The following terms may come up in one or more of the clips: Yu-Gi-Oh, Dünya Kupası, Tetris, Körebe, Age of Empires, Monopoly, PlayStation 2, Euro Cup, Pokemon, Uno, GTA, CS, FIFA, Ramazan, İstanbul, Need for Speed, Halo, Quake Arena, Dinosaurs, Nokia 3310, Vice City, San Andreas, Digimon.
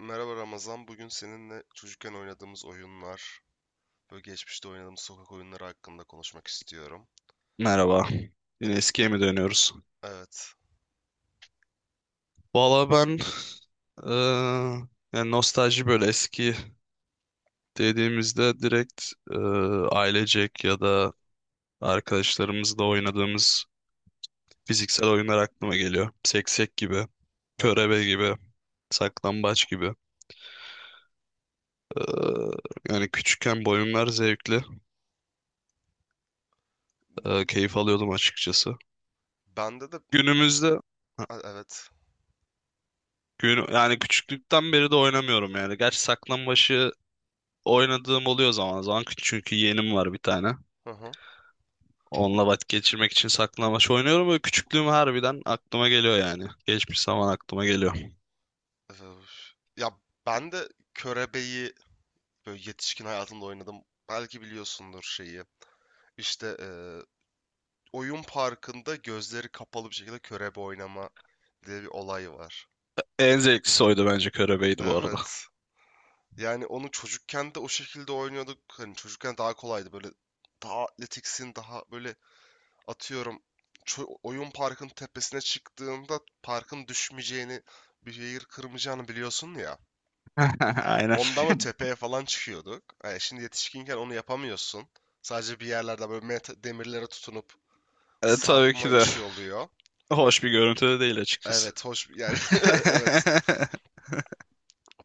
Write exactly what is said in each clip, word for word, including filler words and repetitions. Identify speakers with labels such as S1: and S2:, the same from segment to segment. S1: Merhaba Ramazan, bugün seninle çocukken oynadığımız oyunlar ve geçmişte oynadığımız sokak oyunları hakkında konuşmak istiyorum.
S2: Merhaba. Yine eskiye mi dönüyoruz?
S1: Evet,
S2: Valla ben eee, yani nostalji böyle eski dediğimizde direkt eee, ailecek ya da arkadaşlarımızla oynadığımız fiziksel oyunlar aklıma geliyor. Seksek gibi, körebe
S1: evet.
S2: gibi, saklambaç gibi. Eee, Yani küçükken bu oyunlar zevkli. Eee, keyif alıyordum açıkçası.
S1: Bende de,
S2: Günümüzde
S1: a- evet,
S2: gün, yani küçüklükten beri de oynamıyorum yani. Gerçi saklambaçı oynadığım oluyor zaman zaman çünkü yeğenim var bir tane.
S1: hı hı.
S2: Onunla vakit geçirmek için saklanmaç oynuyorum. Böyle küçüklüğüm harbiden aklıma geliyor yani. Geçmiş zaman aklıma geliyor.
S1: Öf. Ya ben de Körebe'yi böyle yetişkin hayatımda oynadım. Belki biliyorsundur şeyi. İşte eee, oyun parkında gözleri kapalı bir şekilde körebe oynama diye bir olay var.
S2: En zevklisi oydu bence körebeydi bu arada.
S1: Evet. Yani onu çocukken de o şekilde oynuyorduk. Hani çocukken daha kolaydı, böyle daha atletiksin, daha böyle, atıyorum, ço- oyun parkın tepesine çıktığında parkın düşmeyeceğini, bir yer kırmayacağını biliyorsun ya.
S2: Aynen.
S1: Ondan mı tepeye falan çıkıyorduk. Yani şimdi yetişkinken onu yapamıyorsun. Sadece bir yerlerde böyle met- demirlere tutunup
S2: E, tabii
S1: sarkma
S2: ki de
S1: işi oluyor.
S2: hoş bir görüntü de değil açıkçası.
S1: Evet, hoş yani. Evet,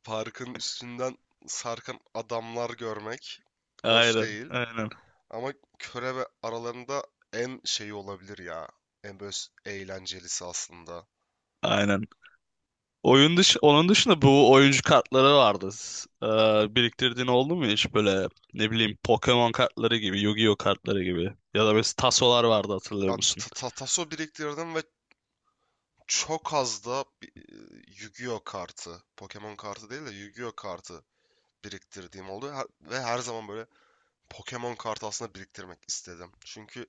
S1: parkın üstünden sarkan adamlar görmek hoş
S2: Aynen,
S1: değil.
S2: aynen.
S1: Ama körebe aralarında en şeyi olabilir ya. En böyle s- eğlencelisi aslında.
S2: Aynen. Oyun dış Onun dışında bu oyuncu kartları vardı. S- Ee, biriktirdiğin oldu mu hiç böyle ne bileyim Pokemon kartları gibi, Yu-Gi-Oh kartları gibi ya da mesela tasolar vardı hatırlıyor
S1: Ya
S2: musun?
S1: ta- ta- taso biriktirdim ve çok az da bi- e, Yu-Gi-Oh kartı. Pokemon kartı değil de Yu-Gi-Oh kartı biriktirdiğim oldu. Her- ve her zaman böyle Pokemon kartı aslında biriktirmek istedim. Çünkü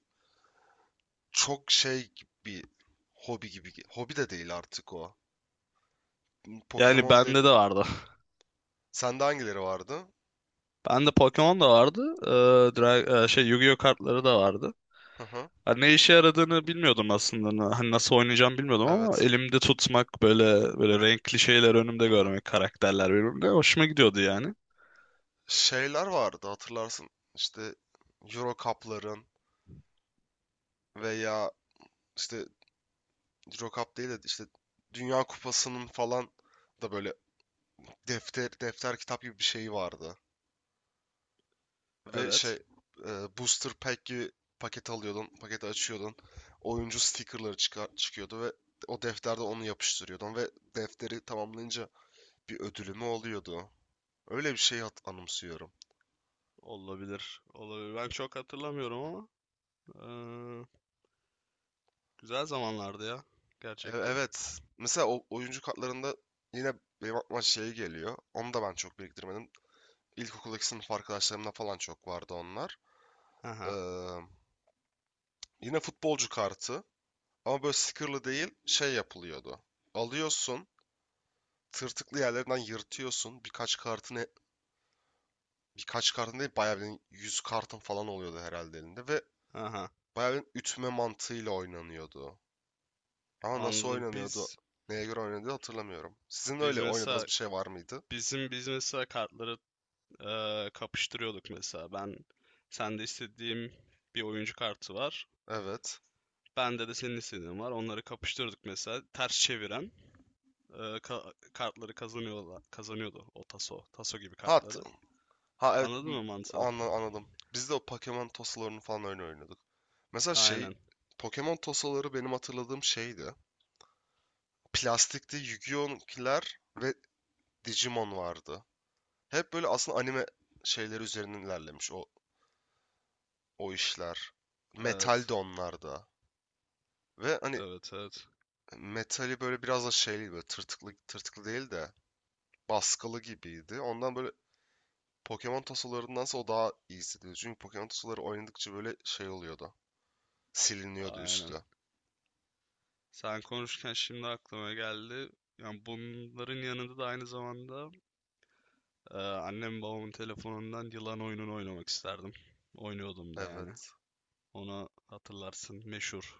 S1: çok şey gibi, hobi gibi. Hobi de değil artık o.
S2: Yani
S1: Pokemon
S2: bende
S1: dedi.
S2: de vardı.
S1: Sende hangileri vardı?
S2: Bende Pokemon da vardı. Ee, Dra- e, şey Yu-Gi-Oh kartları da vardı.
S1: Hı hı.
S2: Ha, ne işe yaradığını bilmiyordum aslında. Na- Hani nasıl oynayacağımı bilmiyordum ama
S1: Evet.
S2: elimde tutmak böyle böyle renkli şeyler önümde
S1: Hı hı.
S2: görmek karakterler birbirine hoşuma gidiyordu yani.
S1: Şeyler vardı hatırlarsın. İşte Euro Cup'ların veya işte Euro Cup değil de işte Dünya Kupası'nın falan da böyle defter defter kitap gibi bir şeyi vardı. Ve şey
S2: Evet.
S1: e, booster pack gibi paket alıyordun, paketi açıyordun. Oyuncu stickerları çıkar, çıkıyordu ve o defterde onu yapıştırıyordun ve defteri tamamlayınca bir ödülü mü oluyordu? Öyle bir şey hat- anımsıyorum.
S2: Olabilir. Olabilir. Ben çok hatırlamıyorum ama. Güzel zamanlardı ya
S1: E-
S2: gerçekten.
S1: Evet. Mesela o oyuncu kartlarında yine benim aklıma şey geliyor. Onu da ben çok biriktirmedim. İlkokuldaki sınıf arkadaşlarımda falan çok vardı onlar. Ee,
S2: Aha,
S1: Yine futbolcu kartı. Ama böyle stickerlı değil, şey yapılıyordu. Alıyorsun. Tırtıklı yerlerinden yırtıyorsun. Birkaç kartını birkaç kartın değil, bayağı bir yüz kartın falan oluyordu herhalde elinde. Ve
S2: aha.
S1: bayağı bir ütme mantığıyla oynanıyordu. Ama nasıl
S2: Anladım.
S1: oynanıyordu?
S2: Biz
S1: Neye göre oynanıyordu hatırlamıyorum. Sizin
S2: biz
S1: öyle oynadığınız
S2: mesela
S1: bir şey var mıydı?
S2: bizim biz mesela kartları e, kapıştırıyorduk mesela. Ben sende istediğim bir oyuncu kartı var.
S1: Evet.
S2: Bende de senin istediğin var. Onları kapıştırdık mesela. Ters çeviren e, ka- kartları kazanıyordu, kazanıyordu o taso. Taso gibi
S1: Ha,
S2: kartları.
S1: ha, evet,
S2: Anladın
S1: m-
S2: mı mantığı?
S1: anla- anladım. Biz de o Pokemon tosalarını falan öyle oynuyorduk. Mesela şey,
S2: Aynen.
S1: Pokemon tosaları benim hatırladığım şeydi. Plastikte Yu-Gi-Oh'kiler ve Digimon vardı. Hep böyle aslında anime şeyleri üzerinden ilerlemiş o o işler. Metal
S2: Evet.
S1: de onlarda. Ve hani
S2: Evet, evet.
S1: metali böyle biraz da şeyli, böyle tırtıklı tırtıklı değil de baskılı gibiydi. Ondan böyle Pokemon tosalarındansa o daha iyi hissediyordu. Çünkü Pokemon tosaları oynadıkça böyle şey oluyordu. Siliniyordu
S2: Aynen.
S1: üstü.
S2: Sen konuşurken şimdi aklıma geldi. Yani bunların yanında da aynı zamanda e, annem babamın telefonundan yılan oyununu oynamak isterdim. Oynuyordum da yani.
S1: Evet.
S2: Onu hatırlarsın meşhur.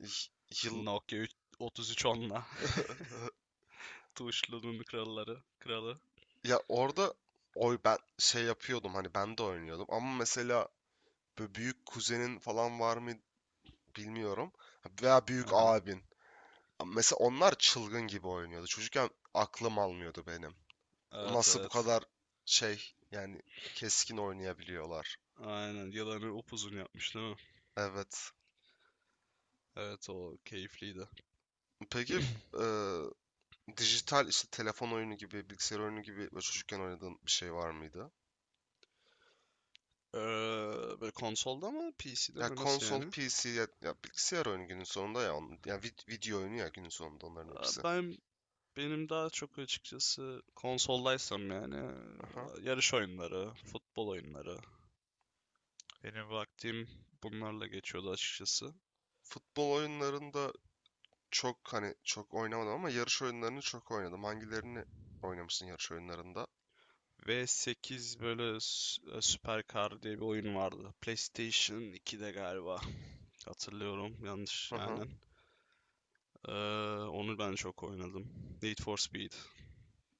S1: Y- Yıl.
S2: Nokia üç- üç bin üç yüz onla. Tuşlunun kralları. Kralı.
S1: Ya orada, oy ben şey yapıyordum, hani ben de oynuyordum ama mesela böyle büyük kuzenin falan var mı bilmiyorum veya büyük
S2: Aha.
S1: abin. Mesela onlar çılgın gibi oynuyordu. Çocukken aklım almıyordu benim.
S2: Evet
S1: Nasıl bu
S2: evet.
S1: kadar şey, yani keskin oynayabiliyorlar.
S2: Aynen yılanı upuzun yapmış değil mi?
S1: Evet.
S2: Evet o keyifliydi.
S1: Peki e, dijital işte telefon oyunu gibi, bilgisayar oyunu gibi böyle çocukken oynadığın bir şey var mıydı?
S2: Eee, Böyle konsolda mı P C'de
S1: Ya
S2: mi nasıl
S1: konsol,
S2: yani?
S1: P C ya, ya bilgisayar oyunu günün sonunda ya. onun- Ya vid- video oyunu ya günün sonunda onların
S2: Aa,
S1: hepsi.
S2: Ben Benim daha çok açıkçası konsoldaysam yani e,
S1: Aha.
S2: yarış oyunları, futbol oyunları. Benim vaktim bunlarla geçiyordu açıkçası.
S1: Futbol oyunlarında çok, hani çok oynamadım ama yarış oyunlarını çok oynadım. Hangilerini oynamışsın yarış oyunlarında?
S2: V sekiz böyle s- Süper Car diye bir oyun vardı. PlayStation ikide galiba. Hatırlıyorum yanlış
S1: Aha.
S2: aynen. Ee, Onu ben çok oynadım. Need for Speed.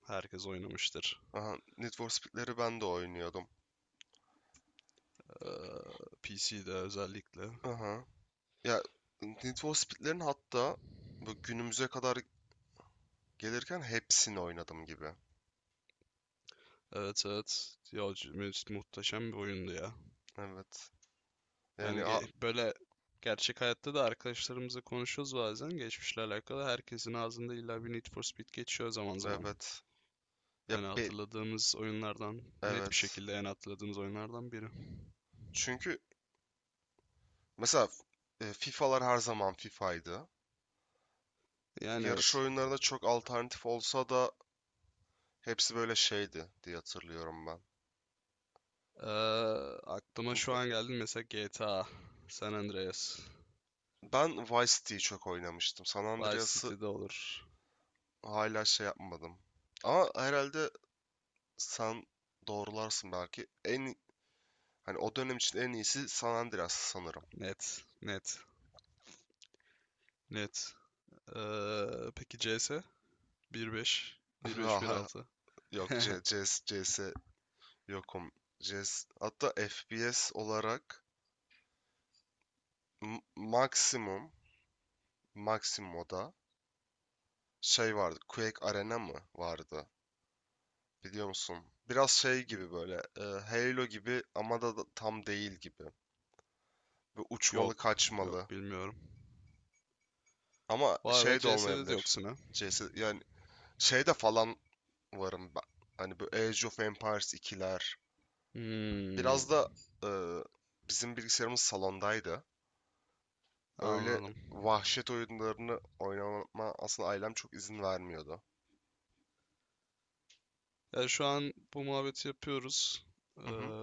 S2: Herkes oynamıştır.
S1: Aha. Need for Speed'leri ben de oynuyordum.
S2: Ee, P C'de özellikle.
S1: Aha. Ya, Need for Speed'lerin hatta bu günümüze kadar gelirken hepsini oynadım gibi.
S2: Evet evet. Ya, c- muhteşem bir oyundu ya.
S1: Evet.
S2: Yani
S1: Yani, a-
S2: ge- böyle gerçek hayatta da arkadaşlarımızla konuşuyoruz bazen geçmişle alakalı. Herkesin ağzında illa bir Need for Speed geçiyor zaman zaman.
S1: evet. Ya
S2: Yani
S1: be,
S2: hatırladığımız oyunlardan net bir
S1: evet.
S2: şekilde en hatırladığımız oyunlardan biri.
S1: Çünkü mesela e, FIFA'lar her zaman FIFA'ydı.
S2: Yani
S1: Yarış
S2: evet.
S1: oyunlarında çok alternatif olsa da hepsi böyle şeydi diye hatırlıyorum ben.
S2: Ee, Aklıma şu an geldi mesela G T A, San Andreas,
S1: Ben Vice City'yi çok oynamıştım. San
S2: Vice
S1: Andreas'ı
S2: City'de olur.
S1: hala şey yapmadım. Ama herhalde sen doğrularsın belki. En hani o dönem için en iyisi San Andreas sanırım.
S2: Net, net, net. Ee, peki C S? bir nokta beş, bir nokta beş, bir nokta altı.
S1: Yok, C, CS, C S yokum. C S. Hatta F P S olarak m- maksimum maksimum o da şey vardı. Quake Arena mı vardı? Biliyor musun? Biraz şey gibi, böyle e, Halo gibi ama da da tam değil gibi. Ve uçmalı
S2: Yok,
S1: kaçmalı.
S2: yok bilmiyorum.
S1: Ama
S2: Vay be
S1: şey de
S2: C S'de de
S1: olmayabilir.
S2: yoksun ha.
S1: C S, yani şeyde falan varım ben. Hani bu Age of Empires ikiler,
S2: Hmm,
S1: biraz da e, bizim bilgisayarımız salondaydı. Öyle
S2: anladım.
S1: vahşet oyunlarını oynama aslında ailem çok izin vermiyordu.
S2: Ya şu an bu muhabbeti yapıyoruz. Ee,
S1: Hı hı.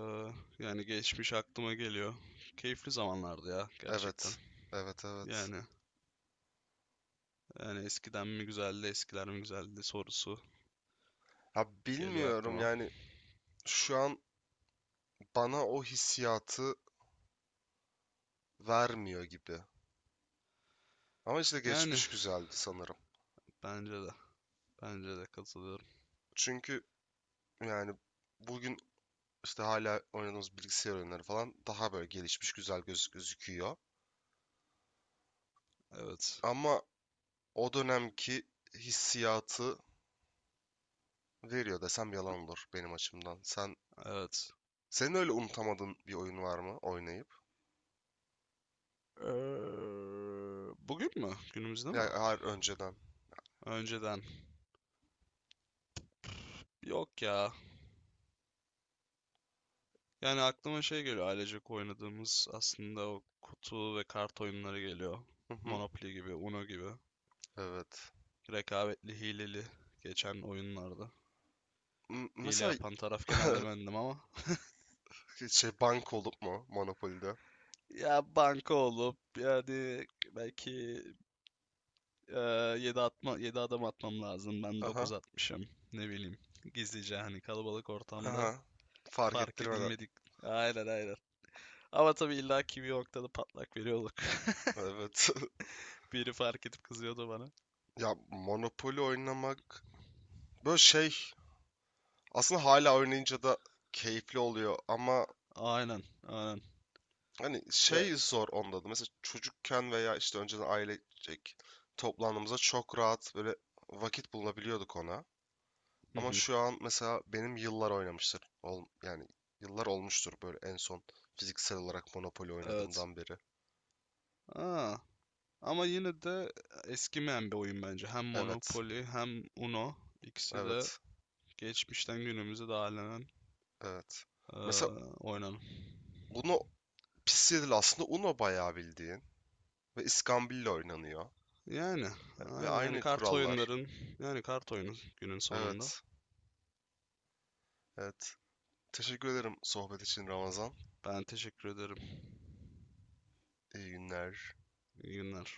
S2: Yani geçmiş aklıma geliyor. Keyifli zamanlardı ya gerçekten.
S1: Evet. Evet, evet.
S2: Yani yani eskiden mi güzeldi, eskiler mi güzeldi sorusu
S1: Ya
S2: geliyor
S1: bilmiyorum
S2: aklıma.
S1: yani, şu an bana o hissiyatı vermiyor gibi. Ama işte
S2: Yani
S1: geçmiş güzeldi sanırım.
S2: bence de bence de katılıyorum.
S1: Çünkü yani bugün işte hala oynadığımız bilgisayar oyunları falan daha böyle gelişmiş, güzel göz gözüküyor.
S2: Evet.
S1: Ama o dönemki hissiyatı veriyor desem yalan olur benim açımdan. Sen
S2: Evet.
S1: senin öyle unutamadığın bir oyun var mı oynayıp?
S2: Ee, Bugün mü? Günümüzde mi?
S1: Ya hayır, önceden.
S2: Önceden. Yok ya. Yani aklıma şey geliyor ailecek oynadığımız aslında o kutu ve kart oyunları geliyor.
S1: Hı hı,
S2: Monopoly gibi, Uno gibi.
S1: evet.
S2: Rekabetli, hileli geçen oyunlarda.
S1: M-
S2: Hile
S1: mesela
S2: yapan taraf genelde bendim ama.
S1: şey, bank olup mu Monopoly'de?
S2: Ya banka olup yani belki e, yedi atma yedi adım atmam lazım. Ben
S1: Aha.
S2: dokuz atmışım. Ne bileyim. Gizlice hani kalabalık ortamda
S1: Aha. Fark
S2: fark
S1: ettirmeden.
S2: edilmedik. Aynen aynen. Ama tabii illa ki bir noktada patlak veriyorduk.
S1: Evet.
S2: Biri fark edip kızıyordu bana.
S1: Ya Monopoly oynamak böyle şey, aslında hala oynayınca da keyifli oluyor ama
S2: Aynen, aynen.
S1: hani
S2: Ya,
S1: şey zor onda da. Mesela çocukken veya işte önceden ailecek toplandığımızda çok rahat böyle vakit bulabiliyorduk ona.
S2: hı
S1: Ama
S2: hı.
S1: şu an mesela benim yıllar oynamıştır. Ol- yani yıllar olmuştur böyle en son fiziksel olarak Monopoly
S2: Evet.
S1: oynadığımdan beri.
S2: Aa, Ama yine de e, eskimeyen bir oyun bence. Hem
S1: Evet.
S2: Monopoly hem Uno ikisi de
S1: Evet.
S2: geçmişten günümüze dağılanan
S1: Evet. Mesela
S2: eee oynanan.
S1: Uno pis değil, aslında Uno bayağı bildiğin ve iskambil oynanıyor.
S2: Yani,
S1: Ve
S2: aynen, yani
S1: aynı
S2: kart
S1: kurallar.
S2: oyunların yani kart oyunu günün sonunda.
S1: Evet. Evet. Teşekkür ederim sohbet için Ramazan.
S2: Ben teşekkür ederim.
S1: İyi günler.
S2: İyi günler.